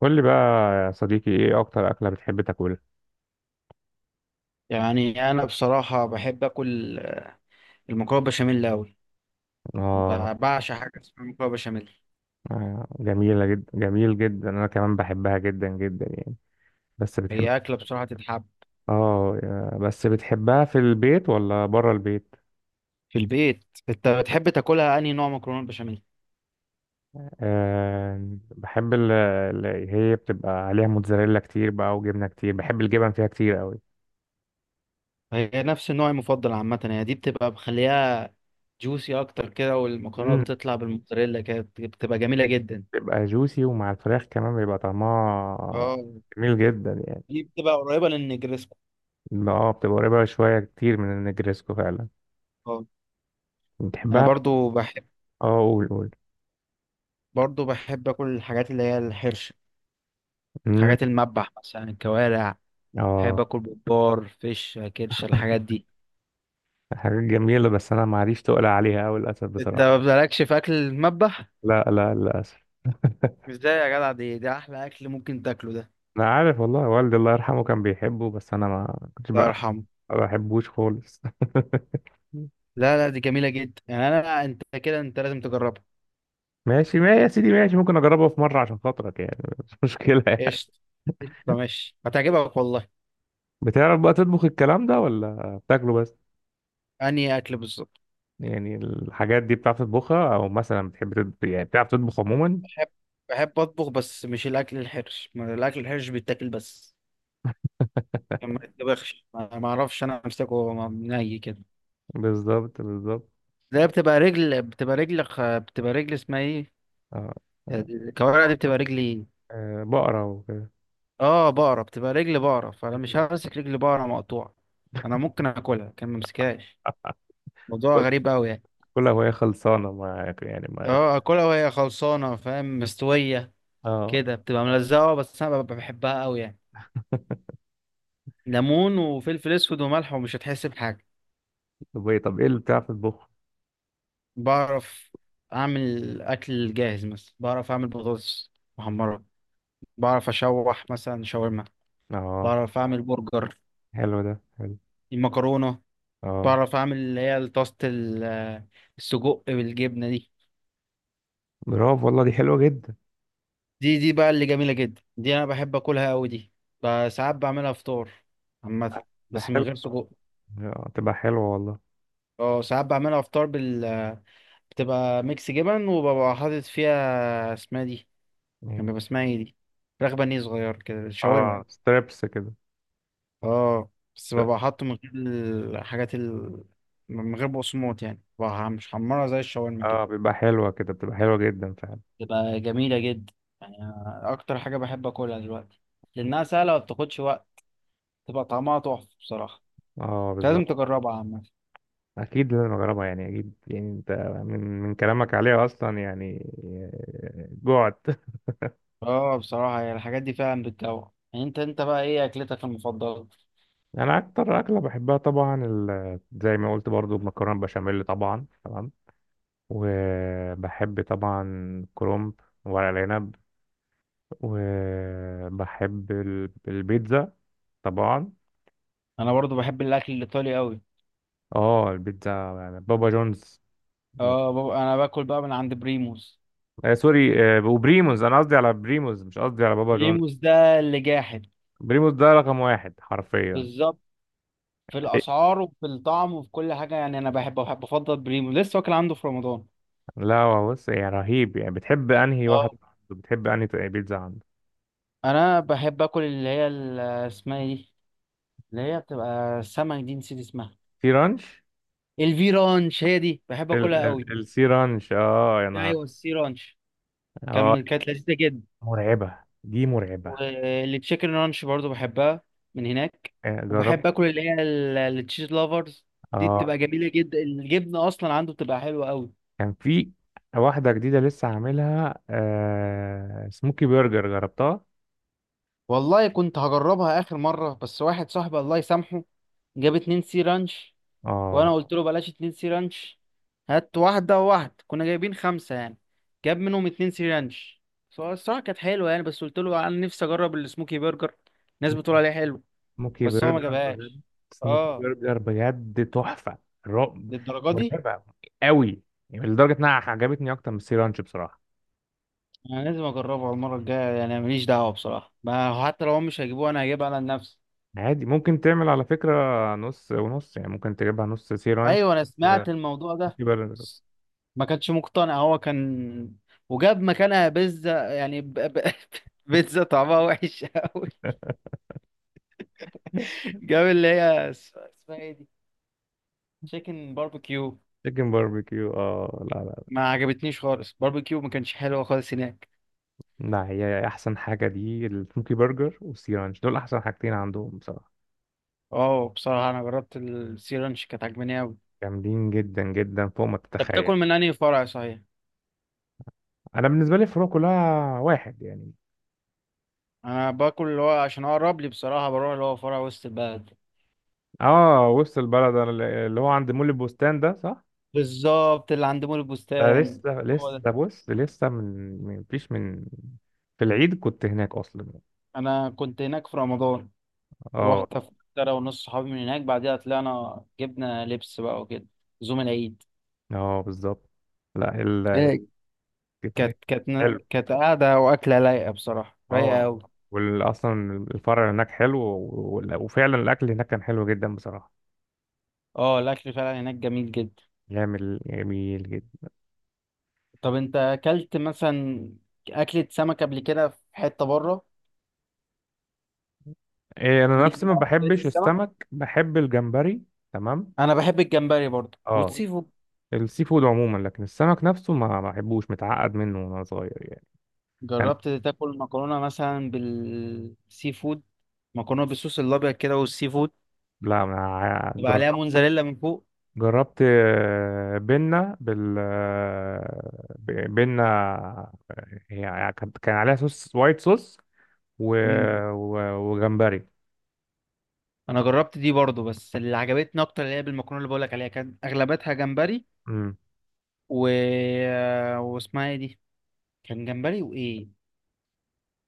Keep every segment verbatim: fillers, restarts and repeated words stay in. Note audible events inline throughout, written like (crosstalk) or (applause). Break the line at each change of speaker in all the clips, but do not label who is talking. قول لي بقى يا صديقي، ايه اكتر اكلة بتحب تاكلها؟
يعني، انا بصراحه بحب اكل المكرونه بشاميل قوي.
اه،
بعشق حاجه اسمها مكرونه بشاميل.
آه، جميلة جدا، جميل جدا، انا كمان بحبها جدا جدا يعني. بس بتحب،
هي اكله بصراحه تتحب.
اه يا- بس بتحبها في البيت ولا بره البيت؟
في البيت. انت بتحب تاكلها انهي نوع مكرونه بشاميل؟
آه، بحب اللي هي بتبقى عليها موتزاريلا كتير بقى وجبنة كتير، بحب الجبن فيها كتير قوي.
هي نفس النوع المفضل عامه، يعني دي بتبقى مخليها جوسي اكتر كده، والمكرونه
امم
بتطلع بالموتزاريلا كده بت- بتبقى جميله جدا.
بتبقى جوسي، ومع الفراخ كمان بيبقى طعمها
اه،
جميل جدا يعني.
دي بتبقى قريبه للنجرسكو.
اه بتبقى قريبة شوية كتير من النجريسكو فعلا.
اه، انا
بتحبها؟
برضو بحب
اه قول قول.
برضو بحب اكل الحاجات اللي هي الحرشه،
امم
حاجات المذبح مثلا، الكوارع. بحب
اه،
اكل ببار فيش كرش الحاجات دي.
حاجات جميلة بس أنا معريش تقلق عليها أوي للأسف
انت ما
بصراحة.
بتبقالكش في اكل المذبح؟
لا لا للأسف.
ازاي يا جدع؟ دي ده احلى اكل ممكن تاكله ده.
أنا عارف والله، والدي الله يرحمه كان بيحبه بس أنا ما كنتش
الله
بقى
يرحمه.
ما بحبوش خالص. (laughs)
لا، لا، دي جميله جدا يعني، انا انت كده، انت لازم تجربها.
ماشي ما يا سيدي، ماشي، ممكن أجربها في مرة عشان خاطرك يعني، مش مشكلة يعني.
قشطه، قشطه، ماشي، هتعجبك والله.
بتعرف بقى تطبخ الكلام ده ولا بتاكله بس؟
انهي اكل بالظبط؟
يعني الحاجات دي بتعرف تطبخها، أو مثلا بتحب تطبخ؟ يعني بتعرف تطبخ عموما؟
بحب بحب اطبخ بس مش الاكل الحرش، ما الاكل الحرش بيتاكل بس، ما يتطبخش، ما ما اعرفش انا امسكه م- ني كده.
بالظبط بالظبط.
ده بتبقى رجل بتبقى رجل خ- بتبقى رجل اسمها ايه،
آه.
الكوارع دي بتبقى رجلي.
آه، بقرة وكده.
اه، بقرة بتبقى رجل بقرة، فانا مش همسك رجل بقرة مقطوعة. انا ممكن اكلها كان ممسكهاش. موضوع
كل
غريب قوي يعني.
كل هواية خلصانة معاك يعني، معاك.
اه، اكلها وهي خلصانة، فاهم، مستوية
اه.
كده بتبقى ملزقة، آه، بس انا ببقى بحبها قوي يعني.
(laughs)
ليمون وفلفل اسود وملح ومش هتحس بحاجة.
طب ايه طب ايه اللي بتعرف تطبخ؟
بعرف اعمل اكل جاهز، مثلا بعرف اعمل بطاطس محمرة، بعرف اشوح مثلا شاورما،
اه،
بعرف اعمل برجر،
حلو، ده حلو.
المكرونة.
اه،
بعرف اعمل اللي هي طاسة ال- السجق بالجبنة دي.
برافو والله، دي حلوة جدا.
دي دي بقى اللي جميلة جدا دي، انا بحب اكلها قوي دي. ب- ساعات بعملها فطار عامة،
ده
بس من
حلو.
غير سجق.
آه، تبقى حلوة والله.
اه، ساعات بعملها فطار بال بتبقى ميكس جبن وببقى حاطط فيها اسمها دي. كان
مم.
بيبقى اسمها ايه دي؟ فراخ بانيه صغير كده، شاورما.
اه، ستريبس كده.
اه، بس ببقى حاطه من غير الحاجات ال... من غير بقسماط يعني، ببقى مش حمرها زي الشاورما كده.
اه بيبقى حلوة كده، بتبقى حلوة جدا فعلا.
بتبقى جميلة جدا، يعني أنا اكتر حاجة بحب اكلها دلوقتي، لانها سهلة وما بتاخدش وقت، تبقى طعمها تحفة بصراحة.
اه
لازم
بالظبط.
تجربها عامة.
اكيد لازم اجربها يعني، اكيد يعني. انت من من كلامك عليها اصلا يعني. آه، جوعت.
اه، بصراحة هي الحاجات دي فعلا بتجوع، يعني انت انت بقى ايه اكلتك المفضلة؟
(laughs) انا اكتر اكله بحبها طبعا ال- زي ما قلت برضو المكرونه بشاميل طبعا، تمام. وبحب طبعا كرومب، ورق العنب، وبحب ال- البيتزا طبعا.
انا برضو بحب الاكل الايطالي قوي.
اه، البيتزا يعني بابا جونز.
اه، بابا، انا باكل بقى من عند بريموس.
آه سوري، آه وبريموز، انا قصدي على بريموز مش قصدي على بابا جونز.
بريموس ده اللي جاحد.
بريموز ده رقم واحد حرفيا.
بالظبط، في
إيه؟
الاسعار وفي الطعم وفي كل حاجة، يعني انا بحب بحب افضل بريموس لسه، واكل عنده في رمضان.
لا هو بص يعني رهيب يعني. بتحب انهي واحد
اه،
عنده؟ بتحب انهي بيتزا عنده؟
انا بحب اكل اللي هي ال- اسمها ايه دي، اللي هي بتبقى السمك دي، نسيت اسمها.
سي رانش.
الفي رانش، هي دي بحب
ال
اكلها قوي.
ال السي رانش، اه يا نهار.
ايوه، السي رانش،
اه
كان كانت لذيذة جدا.
مرعبة، دي مرعبة.
والتشيكن رانش برضو بحبها من هناك.
آه،
وبحب
جربت.
اكل اللي هي التشيز لافرز، دي
اه
بتبقى جميله جدا، الجبنه اصلا عنده بتبقى حلوه قوي.
كان في واحدة جديدة لسه عاملها آه، سموكي برجر جربتها.
والله كنت هجربها اخر مره، بس واحد صاحبي الله يسامحه جاب اتنين سي رانش.
اه
وانا قلت له بلاش اتنين سي رانش، هات واحده وواحد، كنا جايبين خمسه يعني. جاب منهم اتنين سي رانش. فهو الصراحه كانت حلوه يعني، بس قلت له انا نفسي اجرب السموكي برجر، الناس بتقول عليه حلو.
سموكي
بس هو ما
برجر بجد،
جابهاش.
سموكي
اه،
برجر بجد تحفة، رعب،
للدرجه دي،
مرعبة قوي يعني. لدرجة انها عجبتني اكتر من السي رانش بصراحة.
انا لازم اجربها المره الجايه يعني. أنا ماليش دعوه بصراحه، ما حتى لو هم مش هيجيبوه انا هجيبها على نفسي.
عادي، ممكن تعمل على فكرة نص ونص يعني، ممكن تجيبها نص سي رانش
ايوه، انا
ونص
سمعت الموضوع ده.
سموكي برجر.
ما كانش مقتنع هو، كان وجاب مكانها بيتزا يعني ب... ب... (laughs) بيتزا طعمها وحش قوي.
(laughs)
جاب اللي هي اس- اسمها ايه دي، تشيكن باربيكيو.
تشيكن باربيكيو، اه لا لا.
ما عجبتنيش خالص، باربيكيو ما كانش حلو خالص هناك.
لا هي احسن حاجة دي السموكي برجر والسي رانش، دول احسن حاجتين عندهم بصراحة،
اه، بصراحه انا جربت السي رانش كانت عجباني قوي.
جامدين جدا جدا فوق ما
انت
تتخيل.
بتاكل من انهي فرع صحيح؟
انا بالنسبه لي الفروع كلها واحد يعني.
انا باكل اللي هو عشان اقرب لي بصراحه، بروح اللي هو فرع وسط البلد.
اه وسط البلد، أنا اللي هو عند مول البستان ده، صح؟
بالظبط، اللي عند مول
ده مم.
البستان،
لسه
هو ده.
لسه، بص لسه من من- مفيش من، في العيد كنت هناك اصلا.
انا كنت هناك في رمضان، رحت
اه.
انا ونص صحابي من هناك، بعدها طلعنا جبنا لبس بقى وكده، زوم العيد.
اه بالظبط. لا ال
إيه،
كيف-
كانت كانت
حلو،
كانت قاعدة، وأكلة لايقة بصراحة، رايقة
اه
أوي.
واصلا الفرع هناك حلو، وال- وفعلا الاكل هناك كان حلو جدا بصراحه.
اه، الأكل فعلا هناك جميل جدا.
جميل، جميل جدا.
طب أنت أكلت مثلا أكلة سمك قبل كده في حتة بره؟
إيه، انا
ليك في
نفسي ما
أكلات
بحبش
السمك؟
السمك، بحب الجمبري. تمام.
أنا بحب الجمبري برضه
اه،
والسيفود.
السي فود عموما، لكن السمك نفسه ما بحبوش، متعقد منه وانا صغير يعني. كان
جربت تاكل مكرونة مثلا بالسي فود؟ مكرونة بالصوص الأبيض كده والسي فود،
لا انا ع-
يبقى
جربت،
عليها موتزاريلا من فوق.
جربت آه، بنة بال آه، ب- بنة يعني، كان كان عليها صوص وايت صوص و...
مم.
و... وجمبري.
أنا جربت دي برضو، بس اللي عجبتني أكتر اللي هي بالمكرونة اللي بقولك عليها، كان أغلبتها جمبري
امم
و... آه، واسمها إيه دي، كان جمبري وإيه،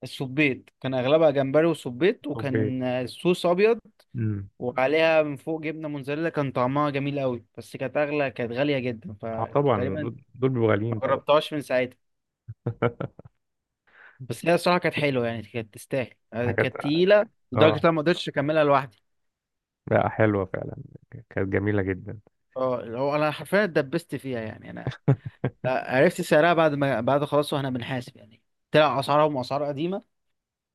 السبيط، كان أغلبها جمبري وسبيط،
اوكي.
وكان الصوص أبيض
امم
وعليها من فوق جبنة موتزاريلا، كان طعمها جميل قوي، بس كانت أغلى، كانت غالية جدا
اه طبعا،
فتقريبا
دول دول بيبقوا غاليين
ما
طبعا.
جربتهاش من ساعتها.
(laughs)
بس هي الصراحه كانت حلوه يعني، كانت تستاهل، آه،
حاجات
كانت تقيله لدرجه إن
اه،
انا ما قدرتش اكملها لوحدي.
لا حلوة فعلا، كانت جميلة جدا.
اه، اللي هو انا حرفيا اتدبست فيها يعني انا. لا، عرفت سعرها بعد ما بعد خلاص، واحنا بنحاسب يعني، طلع اسعارهم اسعار قديمه،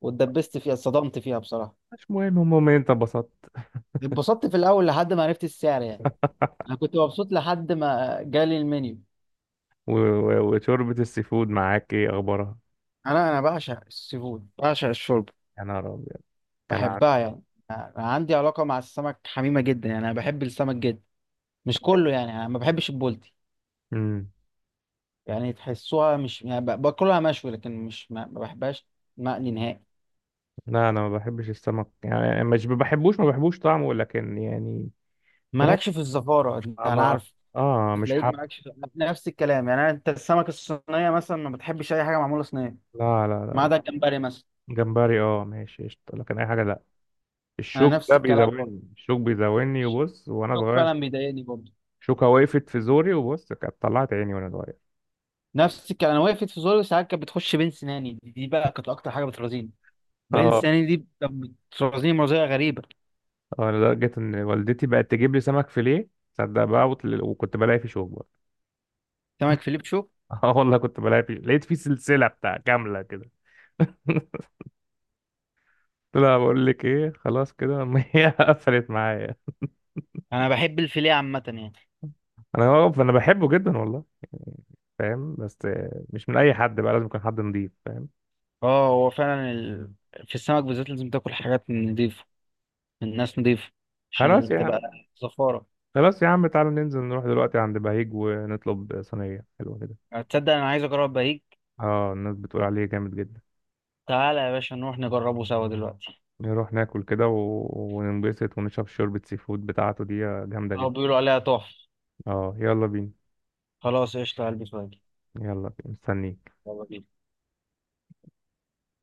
واتدبست فيها، اتصدمت فيها بصراحه.
مش مهم، المهم إن انت انبسطت.
اتبسطت في الاول لحد ما عرفت السعر يعني، انا كنت مبسوط لحد ما جالي المنيو.
و... و... وشوربة السي فود معاك ايه اخبارها؟
انا انا بعشق السي فود، بعشق الشوربه،
يا نهار أبيض. كان عارف.
بحبها يعني. انا عندي علاقه مع السمك حميمه جدا، يعني انا بحب السمك جدا. مش كله يعني، انا ما بحبش البولتي،
امم
يعني تحسوها مش يعني، ب- باكلها مشوي لكن مش ما ما بحبهاش مقلي نهائي.
لا انا ما بحبش السمك يعني، مش ما بحبوش، ما بحبوش طعمه لكن يعني. فاهم.
مالكش في الزفارة،
آه،
انا
ما،
عارف.
اه مش
بتلاقيك
حب.
مالكش في- نفس الكلام يعني، أنا- انت السمك الصينية مثلا ما بتحبش اي حاجة معمولة صينية،
لا لا
ما
لا،
عدا الجمبري مثلا.
جمبري اه ماشي قشطة لكن اي حاجه لا.
انا
الشوك
نفس
ده
الكلام برضه،
بيزاولني، الشوك بيزاولني، وبص وانا
الشوك
صغير
فعلا بيضايقني برضه.
شوكه وقفت في زوري وبص كانت طلعت عيني وانا صغير.
نفس الكلام، انا وقفت في زوري ساعات، كانت بتخش بين سناني دي دي بقى، كانت اكتر حاجة بترازيني بين
اه.
سناني، دي بترازيني، مرضية غريبة.
اه لدرجه ان والدتي بقت تجيب لي سمك فيليه، تصدق بقى، وطل- وكنت بلاقي فيه شوك برضه.
سمك فيليبشو،
(laughs) اه والله كنت بلاقي فيه، لقيت فيه سلسله بتاع كامله كده. (laughs) لا بقول لك ايه خلاص كده. (laughs) ما هي قفلت معايا.
انا بحب الفيليه عامة يعني.
انا هو انا بحبه جدا والله، فاهم، بس مش من اي حد بقى، لازم يكون حد نضيف فاهم.
اه، هو فعلا ال... في السمك بالذات لازم تاكل حاجات نضيفة، الناس نضيفة عشان
خلاص يا،
بتبقى زفارة.
خلاص يا عم تعالى ننزل نروح دلوقتي عند بهيج ونطلب صينية حلوة كده.
يعني تصدق انا عايز اجرب بهيج،
اه الناس بتقول عليه جامد جدا.
تعالى يا باشا نروح نجربه سوا دلوقتي،
نروح ناكل كده و... وننبسط ونشرب شوربة سي فود بتاعته دي، جامدة
هو
جدا.
بيقولوا عليها تحفة.
اه يلا بينا.
خلاص، قشطة، هلبس واجي.
يلا بينا مستنيك.
يلا بينا.